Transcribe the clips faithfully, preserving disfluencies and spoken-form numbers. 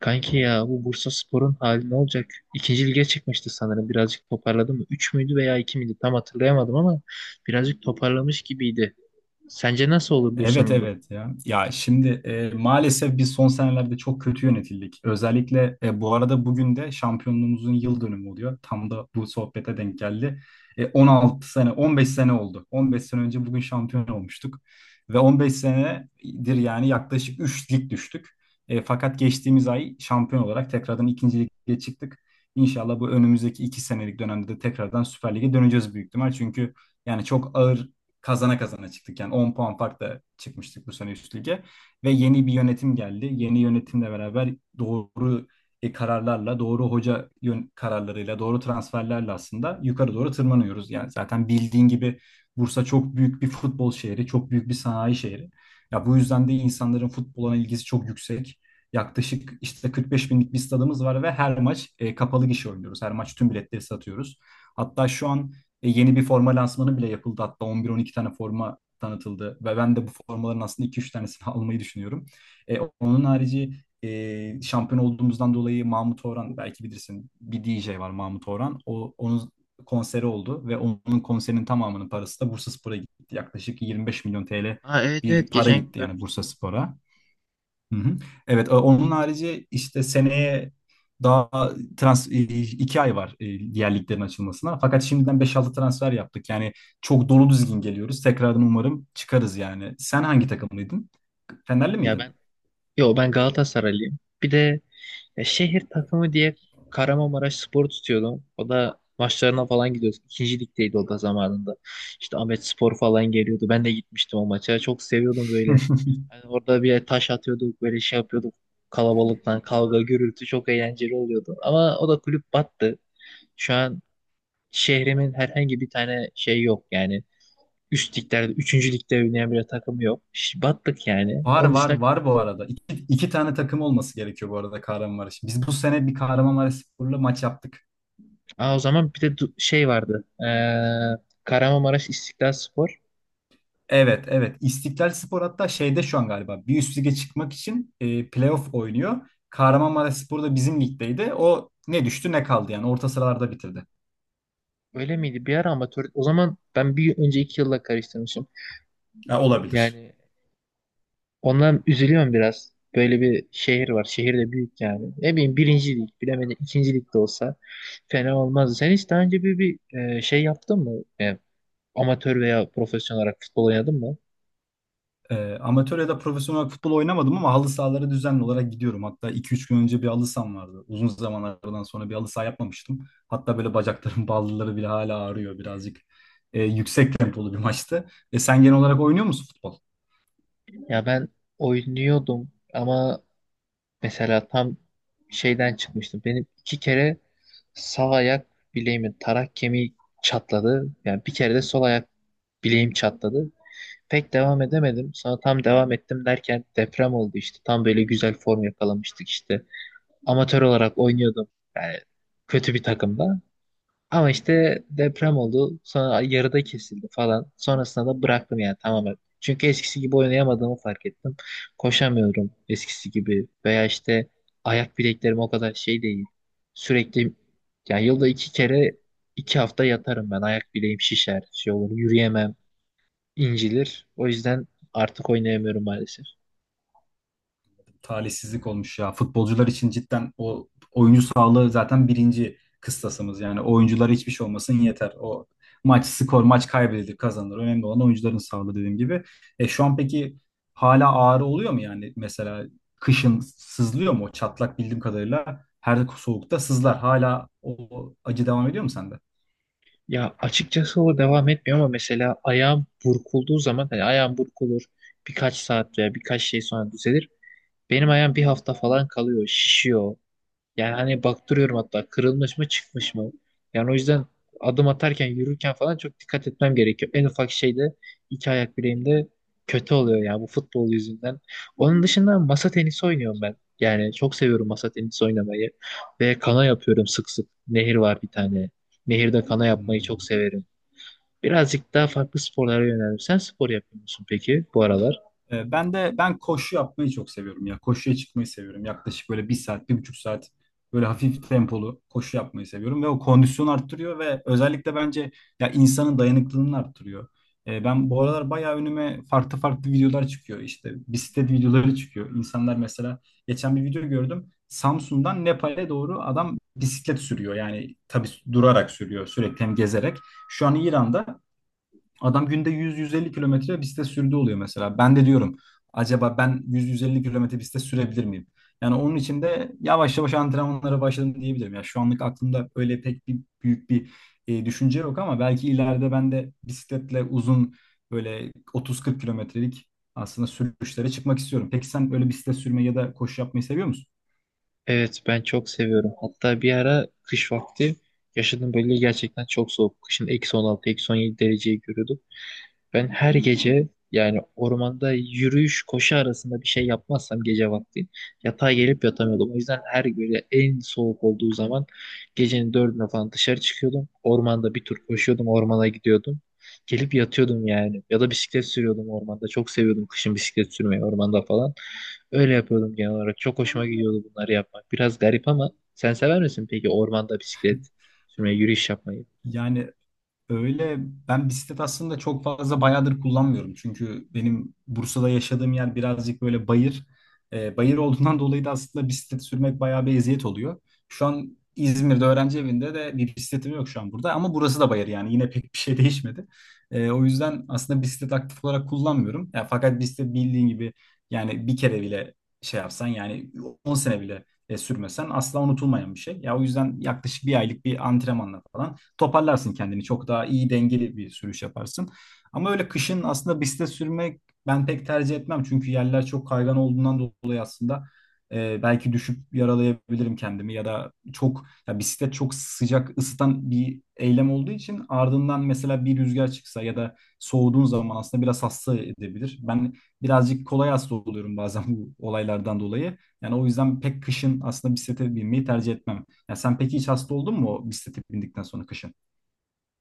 Kanki ya bu Bursaspor'un hali ne olacak? İkinci lige çıkmıştı sanırım. Birazcık toparladı mı? Üç müydü veya iki miydi? Tam hatırlayamadım ama birazcık toparlamış gibiydi. Sence nasıl olur Evet Bursa'nın durumu? evet ya. Ya şimdi e, maalesef biz son senelerde çok kötü yönetildik. Özellikle e, bu arada bugün de şampiyonluğumuzun yıl dönümü oluyor. Tam da bu sohbete denk geldi. E, on altı sene, on beş sene oldu. on beş sene önce bugün şampiyon olmuştuk. Ve on beş senedir yani yaklaşık üç lig düştük. E, fakat geçtiğimiz ay şampiyon olarak tekrardan ikinci lige çıktık. İnşallah bu önümüzdeki iki senelik dönemde de tekrardan Süper Lig'e döneceğiz büyük ihtimal. Çünkü yani çok ağır kazana kazana çıktık. Yani on puan farkla çıkmıştık bu sene üst lige. Ve yeni bir yönetim geldi. Yeni yönetimle beraber doğru e, kararlarla, doğru hoca yön kararlarıyla, doğru transferlerle aslında yukarı doğru tırmanıyoruz. Yani zaten bildiğin gibi Bursa çok büyük bir futbol şehri, çok büyük bir sanayi şehri. Ya bu yüzden de insanların futbola ilgisi çok yüksek. Yaklaşık işte 45 binlik bir stadımız var ve her maç e, kapalı gişe oynuyoruz. Her maç tüm biletleri satıyoruz. Hatta şu an e, yeni bir forma lansmanı bile yapıldı. Hatta on bir on iki tane forma tanıtıldı. Ve ben de bu formaların aslında iki üç tanesini almayı düşünüyorum. E, onun harici e, şampiyon olduğumuzdan dolayı Mahmut Orhan belki bilirsin bir D J var Mahmut Orhan. O, onun konseri oldu ve onun konserinin tamamının parası da Bursaspor'a gitti. Yaklaşık yirmi beş milyon T L Aa, evet, bir evet, para geçen gün gitti yani görmüştüm. Bursaspor'a. Hı hı. Evet, e, onun harici işte seneye daha trans e, iki ay var e, diğer liglerin açılmasına. Fakat şimdiden beş altı transfer yaptık. Yani çok dolu düzgün geliyoruz. Tekrardan umarım çıkarız yani. Sen hangi takımlıydın? Fenerli Ya ben miydin? Yo ben Galatasaraylıyım. Bir de e, şehir takımı diye Kahramanmaraş Spor tutuyordum. O da maçlarına falan gidiyorduk. İkinci ligdeydi o da zamanında. İşte Ahmet Spor falan geliyordu. Ben de gitmiştim o maça. Çok seviyordum böyle. Hani orada bir taş atıyorduk, böyle şey yapıyorduk. Kalabalıktan kavga, gürültü çok eğlenceli oluyordu. Ama o da kulüp battı. Şu an şehrimin herhangi bir tane şey yok yani. Üst liglerde, üçüncü ligde oynayan bir takım yok. Ş- Battık yani. Var Onun var dışında var bu Galatasaray. arada. İki, iki tane takım olması gerekiyor bu arada Kahramanmaraş. Biz bu sene bir Kahramanmaraşspor'la maç yaptık. Aa, o zaman bir de du- şey vardı. Ee, Kahramanmaraş İstiklal Spor. Evet, evet. İstiklal Spor hatta şeyde şu an galiba bir üst lige çıkmak için e, playoff oynuyor. Kahramanmaraş Spor da bizim ligdeydi. O ne düştü ne kaldı yani orta sıralarda bitirdi. Öyle miydi? Bir ara amatör. O zaman ben bir önceki yılla karıştırmışım. Ya olabilir. Yani ondan üzülüyorum biraz. Böyle bir şehir var. Şehir de büyük yani. Ne bileyim birinci lig. Bilemedim, ikinci lig de olsa fena olmazdı. Sen hiç daha önce bir, bir e, şey yaptın mı? Yani amatör veya profesyonel olarak futbol oynadın mı? E, amatör ya da profesyonel futbol oynamadım ama halı sahalara düzenli olarak gidiyorum. Hatta iki üç gün önce bir halı saham vardı. Uzun zamanlardan sonra bir halı saha yapmamıştım. Hatta böyle bacaklarım bağlıları bile hala ağrıyor birazcık. E, yüksek tempolu bir maçtı. E, sen genel olarak oynuyor musun futbol? Ya ben oynuyordum ama mesela tam şeyden çıkmıştım. Benim iki kere sağ ayak bileğimin tarak kemiği çatladı. Yani bir kere de sol ayak bileğim çatladı. Pek devam edemedim. Sonra tam devam ettim derken deprem oldu işte. Tam böyle güzel form yakalamıştık işte. Amatör olarak oynuyordum. Yani kötü bir takımda. Ama işte deprem oldu. Sonra yarıda kesildi falan. Sonrasında da bıraktım yani tamamen. Çünkü eskisi gibi oynayamadığımı fark ettim. Koşamıyorum eskisi gibi. Veya işte ayak bileklerim o kadar şey değil. Sürekli yani yılda iki kere iki hafta yatarım ben. Ayak bileğim şişer, şey olur, yürüyemem, incilir. O yüzden artık oynayamıyorum maalesef. talihsizlik olmuş ya. Futbolcular için cidden o oyuncu sağlığı zaten birinci kıstasımız. Yani oyunculara hiçbir şey olmasın yeter. O maç skor, maç kaybedilir, kazanılır. Önemli olan oyuncuların sağlığı dediğim gibi. E şu an peki hala ağrı oluyor mu yani? Mesela kışın sızlıyor mu? O çatlak bildiğim kadarıyla her soğukta sızlar. Hala o acı devam ediyor mu sende? Ya açıkçası o devam etmiyor ama mesela ayağım burkulduğu zaman, hani ayağım burkulur birkaç saat veya birkaç şey sonra düzelir. Benim ayağım bir hafta falan kalıyor, şişiyor. Yani hani baktırıyorum hatta, kırılmış mı çıkmış mı. Yani o yüzden adım atarken, yürürken falan çok dikkat etmem gerekiyor. En ufak şeyde iki ayak bileğimde kötü oluyor yani bu futbol yüzünden. Onun dışında masa tenisi oynuyorum ben. Yani çok seviyorum masa tenisi oynamayı. Ve kana yapıyorum sık sık. Nehir var bir tane. Nehirde kana yapmayı çok Hmm. severim. Birazcık daha farklı sporlara yöneldim. Sen spor yapıyor musun peki bu aralar? Ee, Ben de ben koşu yapmayı çok seviyorum ya. Koşuya çıkmayı seviyorum. Yaklaşık böyle bir saat, bir buçuk saat böyle hafif tempolu koşu yapmayı seviyorum ve o kondisyonu arttırıyor ve özellikle bence ya insanın dayanıklılığını arttırıyor. Ee, ben bu aralar bayağı önüme farklı farklı videolar çıkıyor. İşte bisiklet videoları çıkıyor. İnsanlar mesela geçen bir video gördüm. Samsun'dan Nepal'e doğru adam bisiklet sürüyor. Yani tabii durarak sürüyor sürekli hem gezerek. Şu an İran'da Adam günde yüz yüz elli kilometre bisiklet sürdüğü oluyor mesela. Ben de diyorum acaba ben yüz yüz elli kilometre bisiklet sürebilir miyim? Yani onun için de yavaş yavaş antrenmanlara başladım diyebilirim. Ya şu anlık aklımda öyle pek bir büyük bir e, düşünce yok ama belki ileride ben de bisikletle uzun böyle otuz kırk kilometrelik aslında sürüşlere çıkmak istiyorum. Peki sen öyle bisiklet sürmeyi ya da koşu yapmayı seviyor musun? Evet, ben çok seviyorum. Hatta bir ara kış vakti yaşadığım bölge gerçekten çok soğuk. Kışın eksi on altı, eksi on yedi dereceyi görüyordum. Ben her gece yani ormanda yürüyüş koşu arasında bir şey yapmazsam gece vakti yatağa gelip yatamıyordum. O yüzden her böyle en soğuk olduğu zaman gecenin dördüne falan dışarı çıkıyordum. Ormanda bir tur koşuyordum, ormana gidiyordum. Gelip yatıyordum yani. Ya da bisiklet sürüyordum ormanda. Çok seviyordum kışın bisiklet sürmeyi ormanda falan. Öyle yapıyordum genel olarak. Çok hoşuma gidiyordu bunları yapmak. Biraz garip ama sen sever misin peki ormanda bisiklet sürmeyi, yürüyüş yapmayı? Yani öyle ben bisiklet aslında çok fazla bayağıdır kullanmıyorum. Çünkü benim Bursa'da yaşadığım yer birazcık böyle bayır. Ee, bayır olduğundan dolayı da aslında bisiklet sürmek bayağı bir eziyet oluyor. Şu an İzmir'de öğrenci evinde de bir bisikletim yok şu an burada ama burası da bayır yani yine pek bir şey değişmedi. Ee, o yüzden aslında bisiklet aktif olarak kullanmıyorum. Ya, fakat bisiklet bildiğin gibi yani bir kere bile şey yapsan yani on sene bile e, sürmesen asla unutulmayan bir şey. Ya o yüzden yaklaşık bir aylık bir antrenmanla falan toparlarsın kendini. Çok daha iyi dengeli bir sürüş yaparsın. Ama öyle kışın aslında bisiklete sürmek ben pek tercih etmem. Çünkü yerler çok kaygan olduğundan dolayı aslında e, belki düşüp yaralayabilirim kendimi ya da çok ya bisiklet çok sıcak ısıtan bir eylem olduğu için ardından mesela bir rüzgar çıksa ya da soğuduğun zaman aslında biraz hasta edebilir. Ben birazcık kolay hasta oluyorum bazen bu olaylardan dolayı. Yani o yüzden pek kışın aslında bisiklete binmeyi tercih etmem. Ya sen peki hiç hasta oldun mu o bisiklete bindikten sonra kışın?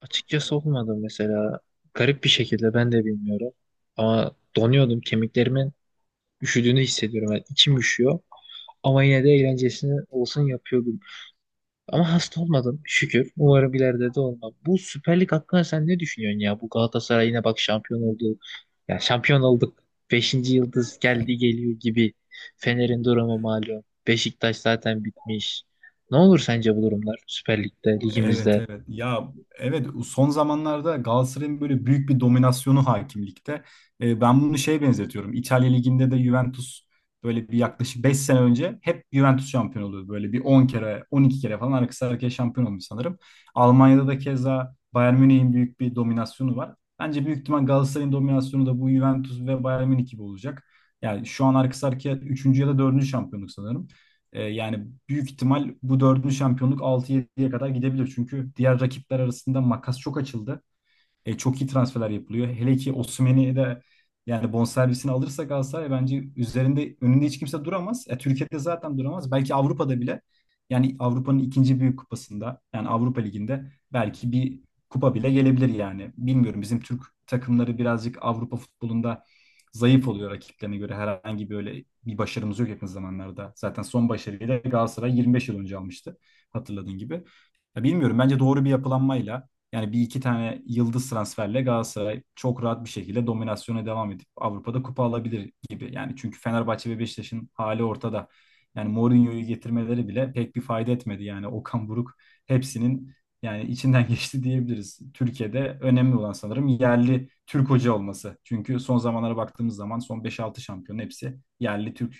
Açıkçası olmadı mesela. Garip bir şekilde ben de bilmiyorum. Ama donuyordum. Kemiklerimin üşüdüğünü hissediyorum. Yani içim üşüyor. Ama yine de eğlencesini olsun yapıyordum. Ama hasta olmadım şükür. Umarım ileride de olmam. Bu Süper Lig hakkında sen ne düşünüyorsun ya? Bu Galatasaray yine bak şampiyon oldu. Ya şampiyon olduk. Beşinci yıldız geldi, geliyor gibi. Fener'in durumu malum. Beşiktaş zaten bitmiş. Ne olur sence bu durumlar Süper Lig'de, Evet ligimizde? evet ya, evet, son zamanlarda Galatasaray'ın böyle büyük bir dominasyonu hakimlikte. E, ben bunu şeye benzetiyorum. İtalya Ligi'nde de Juventus böyle bir yaklaşık beş sene önce hep Juventus şampiyon oluyordu. Böyle bir on kere on iki kere falan arkası arkaya şampiyon olmuş sanırım. Almanya'da da keza Bayern Münih'in büyük bir dominasyonu var. Bence büyük ihtimal Galatasaray'ın dominasyonu da bu Juventus ve Bayern Münih gibi olacak. Yani şu an arkası arkaya üçüncü ya da dördüncü şampiyonluk sanırım. E, yani büyük ihtimal bu dördüncü şampiyonluk altı yediye kadar gidebilir. Çünkü diğer rakipler arasında makas çok açıldı. E, çok iyi transferler yapılıyor. Hele ki Osimhen'i de yani bonservisini alırsa Galatasaray bence üzerinde önünde hiç kimse duramaz. E, Türkiye'de zaten duramaz. Belki Avrupa'da bile yani Avrupa'nın ikinci büyük kupasında yani Avrupa Ligi'nde belki bir kupa bile gelebilir yani. Bilmiyorum bizim Türk takımları birazcık Avrupa futbolunda zayıf oluyor rakiplerine göre. Herhangi böyle bir başarımız yok yakın zamanlarda. Zaten son başarıyı da Galatasaray yirmi beş yıl önce almıştı hatırladığın gibi. Ya bilmiyorum bence doğru bir yapılanmayla yani bir iki tane yıldız transferle Galatasaray çok rahat bir şekilde dominasyona devam edip Avrupa'da kupa alabilir gibi. Yani çünkü Fenerbahçe ve Beşiktaş'ın hali ortada. Yani Mourinho'yu getirmeleri bile pek bir fayda etmedi. Yani Okan Buruk hepsinin yani içinden geçti diyebiliriz. Türkiye'de önemli olan sanırım yerli Türk hoca olması. Çünkü son zamanlara baktığımız zaman son beş altı şampiyonun hepsi yerli Türk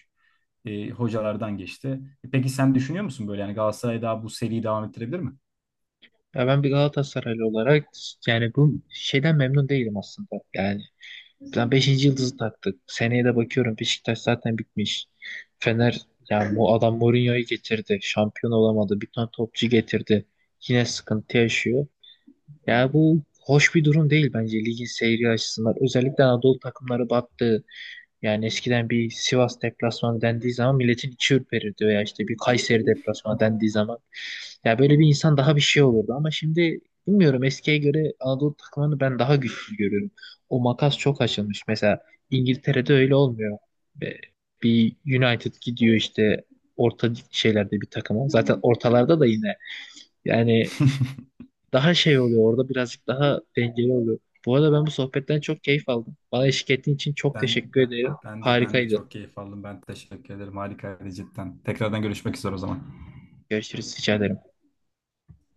e, hocalardan geçti. E, Peki sen düşünüyor musun böyle yani Galatasaray daha bu seriyi devam ettirebilir mi? Ya ben bir Galatasaraylı olarak yani bu şeyden memnun değilim aslında. Yani ben beşinci yıldızı taktık. Seneye de bakıyorum, Beşiktaş zaten bitmiş. Fener, yani bu adam Mourinho'yu getirdi. Şampiyon olamadı. Bir tane topçu getirdi. Yine sıkıntı yaşıyor. Yani bu hoş bir durum değil bence ligin seyri açısından. Özellikle Anadolu takımları battı. Yani eskiden bir Sivas deplasmanı dendiği zaman milletin içi ürperirdi veya işte bir Kayseri deplasmanı dendiği zaman ya böyle bir insan daha bir şey olurdu ama şimdi bilmiyorum, eskiye göre Anadolu takımlarını ben daha güçlü görüyorum. O makas çok açılmış. Mesela İngiltere'de öyle olmuyor. Ve bir United gidiyor işte orta şeylerde bir takıma. Zaten ortalarda da yine yani daha şey oluyor orada, birazcık daha dengeli oluyor. Bu arada ben bu sohbetten çok keyif aldım. Bana eşlik ettiğin için çok Ben, teşekkür ben, ederim. ben de ben de Harikaydı. çok keyif aldım. Ben teşekkür ederim. Harikaydı cidden. Tekrardan görüşmek üzere o zaman. Görüşürüz. Rica ederim.